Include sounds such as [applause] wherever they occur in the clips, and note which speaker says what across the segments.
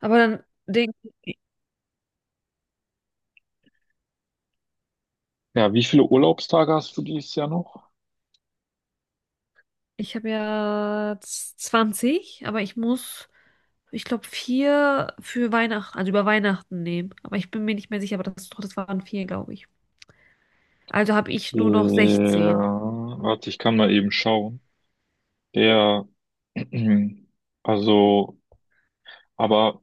Speaker 1: Aber dann denke ich,
Speaker 2: Ja, wie viele Urlaubstage hast du dieses Jahr noch?
Speaker 1: ich habe ja 20, aber ich muss, ich glaube, vier für Weihnachten, also über Weihnachten nehmen. Aber ich bin mir nicht mehr sicher, aber das, doch, das waren 4, glaube ich. Also habe ich nur noch
Speaker 2: Ja,
Speaker 1: 16.
Speaker 2: warte, ich kann mal eben schauen. Der, [clears throat] also, aber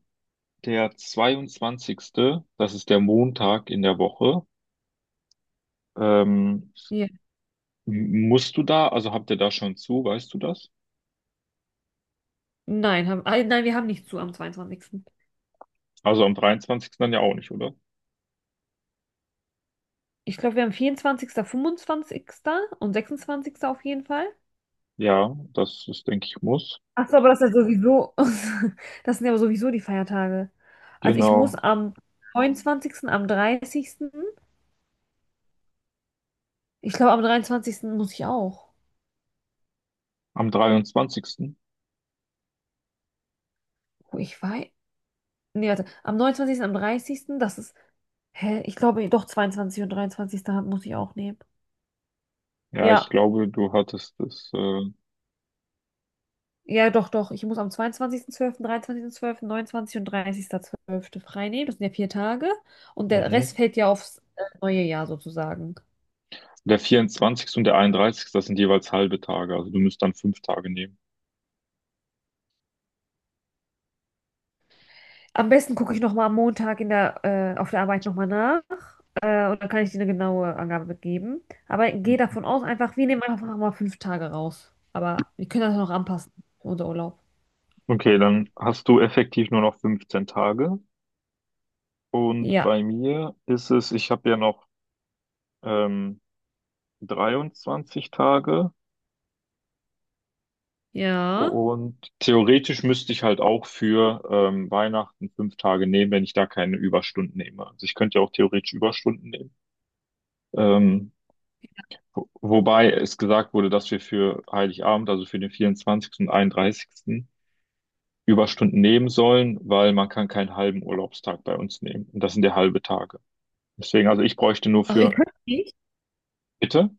Speaker 2: der 22., das ist der Montag in der Woche, ähm,
Speaker 1: Ja.
Speaker 2: musst du da, also habt ihr da schon zu, weißt du das?
Speaker 1: Nein, nein, wir haben nicht zu am zweiundzwanzigsten.
Speaker 2: Also am 23. dann ja auch nicht, oder?
Speaker 1: Ich glaube, wir haben 24., 25. und 26. auf jeden Fall.
Speaker 2: Ja, das ist, denke ich, muss.
Speaker 1: Ach so, aber das ist ja sowieso, [laughs] das sind ja sowieso die Feiertage. Also ich muss
Speaker 2: Genau.
Speaker 1: am neunundzwanzigsten, am dreißigsten. Ich glaube, am dreiundzwanzigsten muss ich auch.
Speaker 2: Am dreiundzwanzigsten.
Speaker 1: Oh, ich weiß. Nee, warte. Am neunundzwanzigsten, am dreißigsten, das ist. Hä? Ich glaube, doch, 22. und 23. Muss ich auch nehmen.
Speaker 2: Ja, ich
Speaker 1: Ja.
Speaker 2: glaube, du hattest das.
Speaker 1: Ja, doch, doch. Ich muss am zweiundzwanzigsten, zwölften, dreiundzwanzigsten, zwölften, 29. und 30.12. frei nehmen. Das sind ja 4 Tage. Und der Rest
Speaker 2: Mhm.
Speaker 1: fällt ja aufs neue Jahr sozusagen.
Speaker 2: Der 24. und der 31., das sind jeweils halbe Tage. Also du müsst dann 5 Tage nehmen.
Speaker 1: Am besten gucke ich nochmal am Montag auf der Arbeit nochmal nach. Und dann kann ich dir eine genaue Angabe mitgeben. Aber
Speaker 2: Okay,
Speaker 1: gehe davon aus, einfach, wir nehmen einfach mal 5 Tage raus. Aber wir können das ja noch anpassen für unser Urlaub.
Speaker 2: okay, dann hast du effektiv nur noch 15 Tage. Und
Speaker 1: Ja.
Speaker 2: bei mir ist es, ich habe ja noch ähm, 23 Tage.
Speaker 1: Ja.
Speaker 2: Und theoretisch müsste ich halt auch für Weihnachten 5 Tage nehmen, wenn ich da keine Überstunden nehme. Also ich könnte ja auch theoretisch Überstunden nehmen. Ähm, wobei es gesagt wurde, dass wir für Heiligabend, also für den 24. und 31. Überstunden nehmen sollen, weil man kann keinen halben Urlaubstag bei uns nehmen. Und das sind ja halbe Tage. Deswegen, also ich bräuchte nur
Speaker 1: Ach, ihr
Speaker 2: für,
Speaker 1: könnt nicht?
Speaker 2: bitte?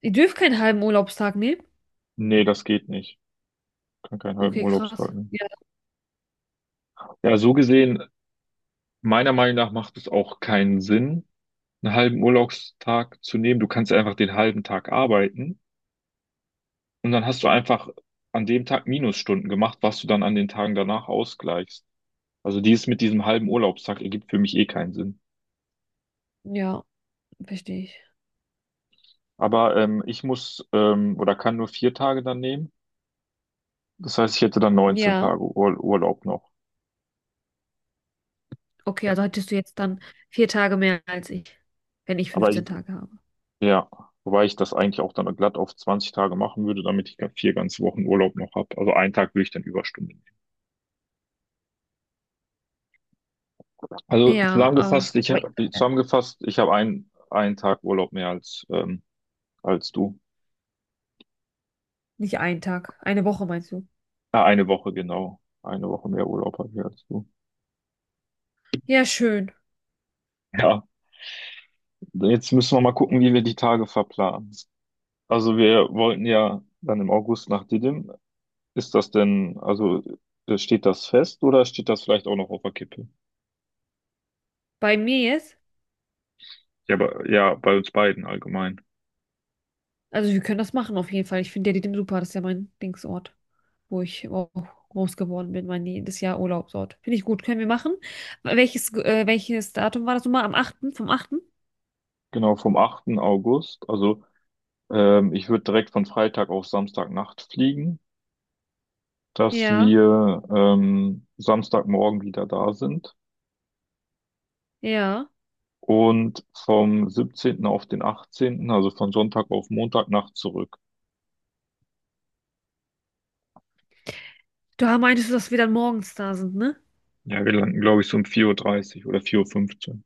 Speaker 1: Ihr dürft keinen halben Urlaubstag nehmen?
Speaker 2: Nee, das geht nicht. Ich kann keinen halben
Speaker 1: Okay,
Speaker 2: Urlaubstag
Speaker 1: krass.
Speaker 2: nehmen.
Speaker 1: Ja,
Speaker 2: Ja, so gesehen, meiner Meinung nach macht es auch keinen Sinn einen halben Urlaubstag zu nehmen. Du kannst ja einfach den halben Tag arbeiten und dann hast du einfach an dem Tag Minusstunden gemacht, was du dann an den Tagen danach ausgleichst. Also dieses mit diesem halben Urlaubstag ergibt für mich eh keinen Sinn.
Speaker 1: ja, verstehe ich.
Speaker 2: Aber ich muss oder kann nur 4 Tage dann nehmen. Das heißt, ich hätte dann neunzehn
Speaker 1: Ja.
Speaker 2: Tage Ur Urlaub noch.
Speaker 1: Okay, also hättest du jetzt dann vier Tage mehr als ich, wenn ich
Speaker 2: Aber ich,
Speaker 1: 15 Tage habe.
Speaker 2: ja, wobei ich das eigentlich auch dann glatt auf 20 Tage machen würde, damit ich 4 ganze Wochen Urlaub noch habe. Also einen Tag würde ich dann Überstunden. Also
Speaker 1: Ja,
Speaker 2: zusammengefasst,
Speaker 1: aber
Speaker 2: ich habe einen Tag Urlaub mehr als, als du.
Speaker 1: nicht einen Tag. Eine Woche meinst du?
Speaker 2: Eine Woche, genau. Eine Woche mehr Urlaub habe ich als du.
Speaker 1: Ja, schön.
Speaker 2: Ja, jetzt müssen wir mal gucken, wie wir die Tage verplanen. Also wir wollten ja dann im August nach Didim. Ist das denn, also steht das fest oder steht das vielleicht auch noch auf der Kippe?
Speaker 1: Bei mir jetzt?
Speaker 2: Ja, bei uns beiden allgemein.
Speaker 1: Also wir können das machen auf jeden Fall. Ich finde Diadem super. Das ist ja mein Dingsort, wo ich auch groß geworden bin, mein jedes Jahr Urlaubsort. Finde ich gut. Können wir machen. Welches Datum war das nochmal? Am achten vom achten?
Speaker 2: Genau, vom 8. August. Also ich würde direkt von Freitag auf Samstagnacht fliegen, dass
Speaker 1: Ja,
Speaker 2: wir Samstagmorgen wieder da sind
Speaker 1: ja.
Speaker 2: und vom 17. auf den 18., also von Sonntag auf Montagnacht zurück.
Speaker 1: Da meintest du, dass wir dann morgens da sind, ne?
Speaker 2: Ja, wir landen, glaube ich, so um 4:30 Uhr dreißig oder 4:15 Uhr, fünfzehn.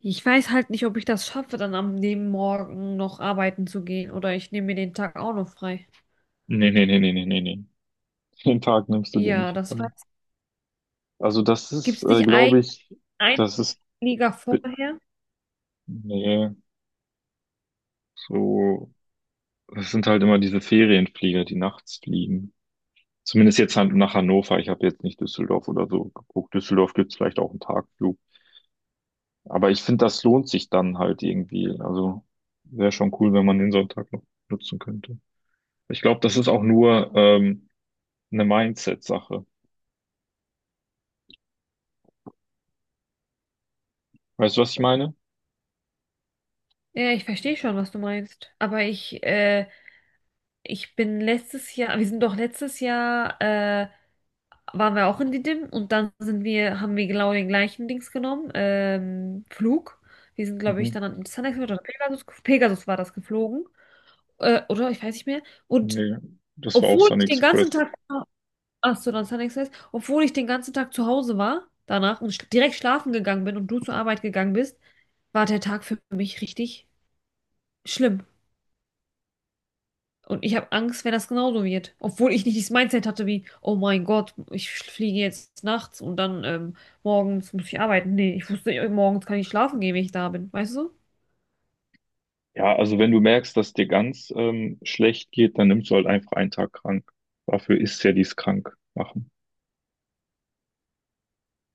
Speaker 1: Ich weiß halt nicht, ob ich das schaffe, dann am dem Morgen noch arbeiten zu gehen oder ich nehme mir den Tag auch noch frei.
Speaker 2: Nee, nee, nee, nee, nee, nee, nee. Den Tag nimmst du dir
Speaker 1: Ja,
Speaker 2: nicht
Speaker 1: das weiß
Speaker 2: frei.
Speaker 1: ich.
Speaker 2: Also das
Speaker 1: Gibt
Speaker 2: ist,
Speaker 1: es nicht ein,
Speaker 2: glaube ich,
Speaker 1: ein
Speaker 2: das ist,
Speaker 1: Liga
Speaker 2: bi-
Speaker 1: vorher?
Speaker 2: nee, so, das sind halt immer diese Ferienflieger, die nachts fliegen. Zumindest jetzt halt nach Hannover. Ich habe jetzt nicht Düsseldorf oder so geguckt. Düsseldorf gibt's vielleicht auch einen Tagflug. Aber ich finde, das lohnt sich dann halt irgendwie. Also wäre schon cool, wenn man den Sonntag noch nutzen könnte. Ich glaube, das ist auch nur eine Mindset-Sache. Weißt du, was ich meine?
Speaker 1: Ja, ich verstehe schon, was du meinst. Aber ich bin letztes Jahr, wir sind doch letztes Jahr, waren wir auch in Didim und dann sind wir, haben wir genau den gleichen Dings genommen, Flug. Wir sind, glaube ich,
Speaker 2: Mhm.
Speaker 1: dann an Sunrise oder Pegasus, Pegasus war das geflogen, oder ich weiß nicht mehr. Und
Speaker 2: Nee, das war auch
Speaker 1: obwohl
Speaker 2: Sunny
Speaker 1: ich den ganzen
Speaker 2: Express.
Speaker 1: Tag, ach so, dann Sunrise, obwohl ich den ganzen Tag zu Hause war danach und sch direkt schlafen gegangen bin und du zur Arbeit gegangen bist, war der Tag für mich richtig schlimm. Und ich habe Angst, wenn das genauso wird. Obwohl ich nicht dieses Mindset hatte wie, oh mein Gott, ich fliege jetzt nachts und dann morgens muss ich arbeiten. Nee, ich wusste, morgens kann ich schlafen gehen, wenn ich da bin. Weißt du?
Speaker 2: Ja, also wenn du merkst, dass dir ganz schlecht geht, dann nimmst du halt einfach einen Tag krank. Dafür ist ja dies krank machen.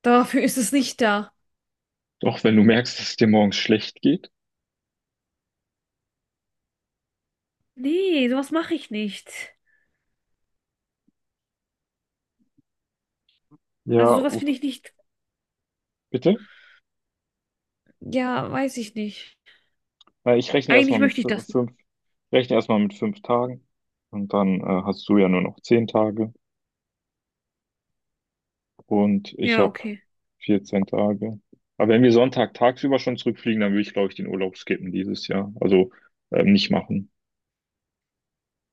Speaker 1: Dafür ist es nicht da.
Speaker 2: Doch wenn du merkst, dass es dir morgens schlecht geht.
Speaker 1: Nee, sowas mache ich nicht. Also
Speaker 2: Ja,
Speaker 1: sowas finde
Speaker 2: okay.
Speaker 1: ich nicht.
Speaker 2: Bitte?
Speaker 1: Ja, weiß ich nicht.
Speaker 2: Weil ich rechne
Speaker 1: Eigentlich
Speaker 2: erstmal mit
Speaker 1: möchte ich das nicht.
Speaker 2: 5 Tagen und dann hast du ja nur noch 10 Tage und ich
Speaker 1: Ja,
Speaker 2: habe
Speaker 1: okay.
Speaker 2: 14 Tage. Aber wenn wir Sonntag tagsüber schon zurückfliegen, dann würde ich, glaube ich, den Urlaub skippen dieses Jahr. Also nicht machen.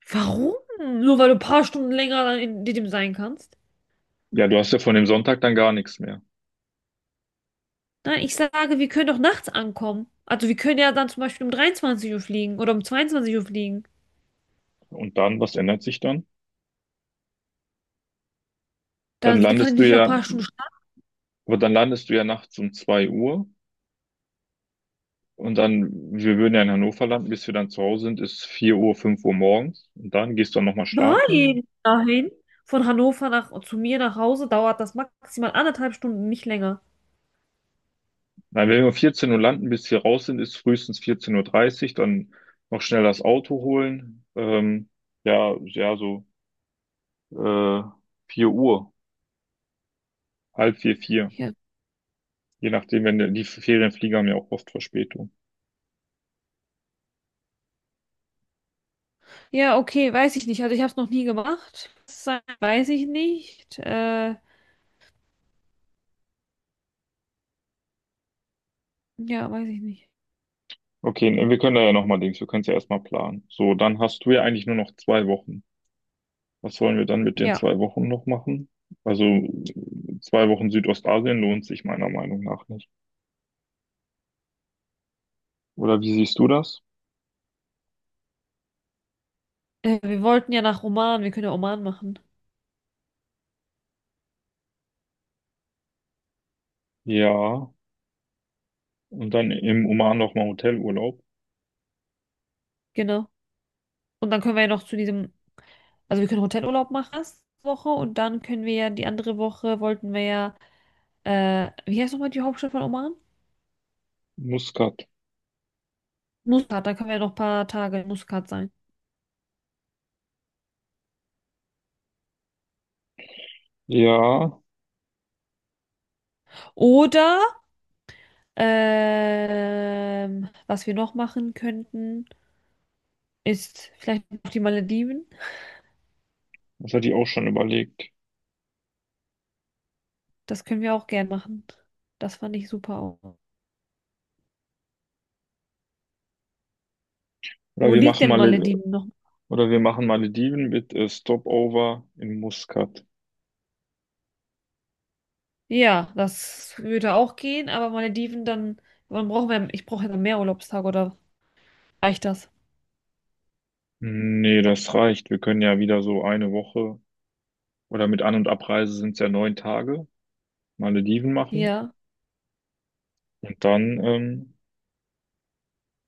Speaker 1: Warum? Nur weil du ein paar Stunden länger dann in dem sein kannst?
Speaker 2: Ja, du hast ja von dem Sonntag dann gar nichts mehr.
Speaker 1: Nein, ich sage, wir können doch nachts ankommen. Also wir können ja dann zum Beispiel um 23 Uhr fliegen oder um 22 Uhr fliegen.
Speaker 2: Und dann, was ändert sich dann?
Speaker 1: Da
Speaker 2: Dann
Speaker 1: kann ich
Speaker 2: landest du
Speaker 1: nicht noch ein
Speaker 2: ja,
Speaker 1: paar Stunden schlafen.
Speaker 2: aber dann landest du ja nachts um 2 Uhr und dann, wir würden ja in Hannover landen, bis wir dann zu Hause sind, ist 4 Uhr, 5 Uhr morgens und dann gehst du dann nochmal schlafen.
Speaker 1: Nein, dahin. Von Hannover nach, zu mir nach Hause dauert das maximal anderthalb Stunden, nicht länger.
Speaker 2: Nein, wenn wir um 14 Uhr landen, bis wir raus sind, ist frühestens 14 Uhr, dreißig, dann noch schnell das Auto holen. Ja, ja, so äh, 4 Uhr, halb vier, vier.
Speaker 1: Ja,
Speaker 2: Je nachdem, wenn die Ferienflieger haben ja auch oft Verspätung.
Speaker 1: ja, okay, weiß ich nicht. Also ich habe es noch nie gemacht. Das weiß ich nicht. Ja, weiß ich nicht.
Speaker 2: Okay, ne, wir können da ja nochmal links, wir können es ja erstmal planen. So, dann hast du ja eigentlich nur noch 2 Wochen. Was wollen wir dann mit den
Speaker 1: Ja,
Speaker 2: 2 Wochen noch machen? Also 2 Wochen Südostasien lohnt sich meiner Meinung nach nicht. Oder wie siehst du das?
Speaker 1: wir wollten ja nach Oman. Wir können ja Oman machen.
Speaker 2: Ja, und dann im Oman nochmal Hotelurlaub.
Speaker 1: Genau. Und dann können wir ja noch zu diesem, also wir können Hotelurlaub machen erste Woche und dann können wir ja die andere Woche wollten wir ja, wie heißt nochmal die Hauptstadt von Oman?
Speaker 2: Muscat.
Speaker 1: Muscat. Da können wir ja noch ein paar Tage in Muscat sein.
Speaker 2: Ja,
Speaker 1: Oder. Was wir noch machen könnten, ist vielleicht noch die Malediven.
Speaker 2: das hatte ich auch schon überlegt.
Speaker 1: Das können wir auch gern machen. Das fand ich super auch.
Speaker 2: Oder
Speaker 1: Wo
Speaker 2: wir
Speaker 1: liegt
Speaker 2: machen
Speaker 1: denn
Speaker 2: mal,
Speaker 1: Malediven noch?
Speaker 2: oder wir machen Malediven mit Stopover in Muscat.
Speaker 1: Ja, das würde auch gehen, aber Malediven dann, wann brauchen wir, ich brauche ja dann mehr Urlaubstage oder reicht das?
Speaker 2: Nee, das reicht. Wir können ja wieder so eine Woche oder mit An- und Abreise sind es ja 9 Tage Malediven machen.
Speaker 1: Ja,
Speaker 2: Und dann,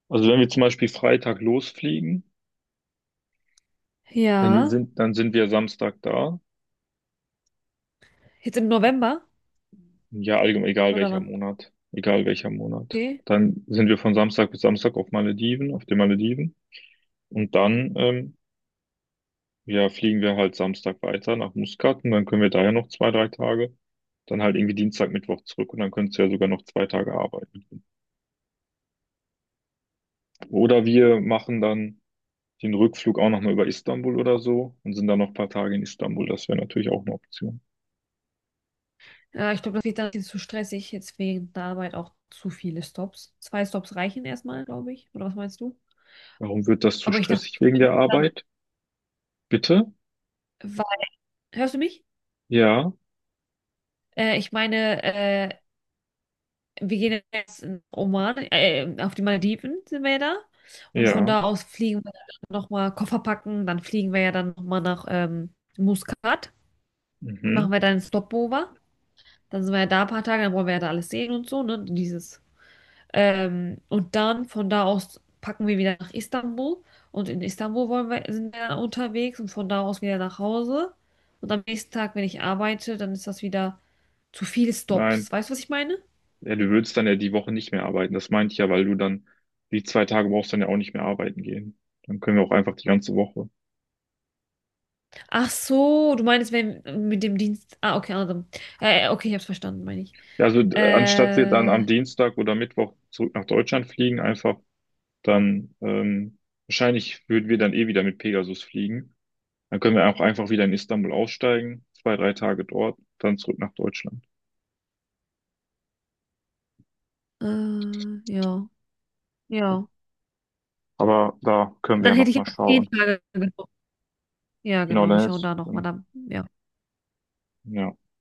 Speaker 2: also wenn wir zum Beispiel Freitag losfliegen,
Speaker 1: ja.
Speaker 2: dann sind wir Samstag da.
Speaker 1: Jetzt im November
Speaker 2: Ja, allgemein, egal
Speaker 1: oder
Speaker 2: welcher
Speaker 1: wann?
Speaker 2: Monat. Egal welcher Monat.
Speaker 1: Okay.
Speaker 2: Dann sind wir von Samstag bis Samstag auf Malediven, auf den Malediven. Und dann, ja, fliegen wir halt Samstag weiter nach Muscat und dann können wir da ja noch 2, 3 Tage. Dann halt irgendwie Dienstag, Mittwoch zurück und dann könntest du ja sogar noch 2 Tage arbeiten. Oder wir machen dann den Rückflug auch nochmal über Istanbul oder so und sind dann noch ein paar Tage in Istanbul. Das wäre natürlich auch eine Option.
Speaker 1: Ja, ich glaube, das wird dann ein bisschen zu stressig, jetzt wegen der Arbeit auch zu viele Stops. Zwei Stops reichen erstmal, glaube ich. Oder was meinst du?
Speaker 2: Warum wird das zu
Speaker 1: Aber ich dachte,
Speaker 2: stressig? Wegen der
Speaker 1: dann.
Speaker 2: Arbeit? Bitte?
Speaker 1: Hörst du mich?
Speaker 2: Ja,
Speaker 1: Ich meine, wir gehen jetzt in Oman, auf die Malediven sind wir ja da. Und von
Speaker 2: ja,
Speaker 1: da aus fliegen wir dann nochmal Koffer packen, dann fliegen wir ja dann nochmal nach Muscat,
Speaker 2: mhm,
Speaker 1: machen wir dann einen Stopover. Dann sind wir ja da ein paar Tage, dann wollen wir ja da alles sehen und so, ne? Dieses. Und dann von da aus packen wir wieder nach Istanbul. Und in Istanbul wollen wir, sind wir dann unterwegs und von da aus wieder nach Hause. Und am nächsten Tag, wenn ich arbeite, dann ist das wieder zu viele
Speaker 2: nein.
Speaker 1: Stops. Weißt du, was ich meine?
Speaker 2: Ja, du würdest dann ja die Woche nicht mehr arbeiten. Das meinte ich ja, weil du dann die 2 Tage brauchst dann ja auch nicht mehr arbeiten gehen. Dann können wir auch einfach die ganze Woche.
Speaker 1: Ach so, du meinst, wenn mit dem Dienst. Ah, okay, also. Okay, ich hab's verstanden, meine ich.
Speaker 2: Ja, also anstatt sie dann
Speaker 1: Äh, äh,
Speaker 2: am Dienstag oder Mittwoch zurück nach Deutschland fliegen, einfach dann, wahrscheinlich würden wir dann eh wieder mit Pegasus fliegen. Dann können wir auch einfach wieder in Istanbul aussteigen, 2, 3 Tage dort, dann zurück nach Deutschland.
Speaker 1: ja, ja.
Speaker 2: Aber da können wir ja
Speaker 1: Dann hätte
Speaker 2: noch
Speaker 1: ich
Speaker 2: mal
Speaker 1: auch 10
Speaker 2: schauen.
Speaker 1: Tage gebraucht. Ja,
Speaker 2: Genau,
Speaker 1: genau, wir
Speaker 2: dann
Speaker 1: schauen
Speaker 2: ist,
Speaker 1: da nochmal dann. Ja.
Speaker 2: ja.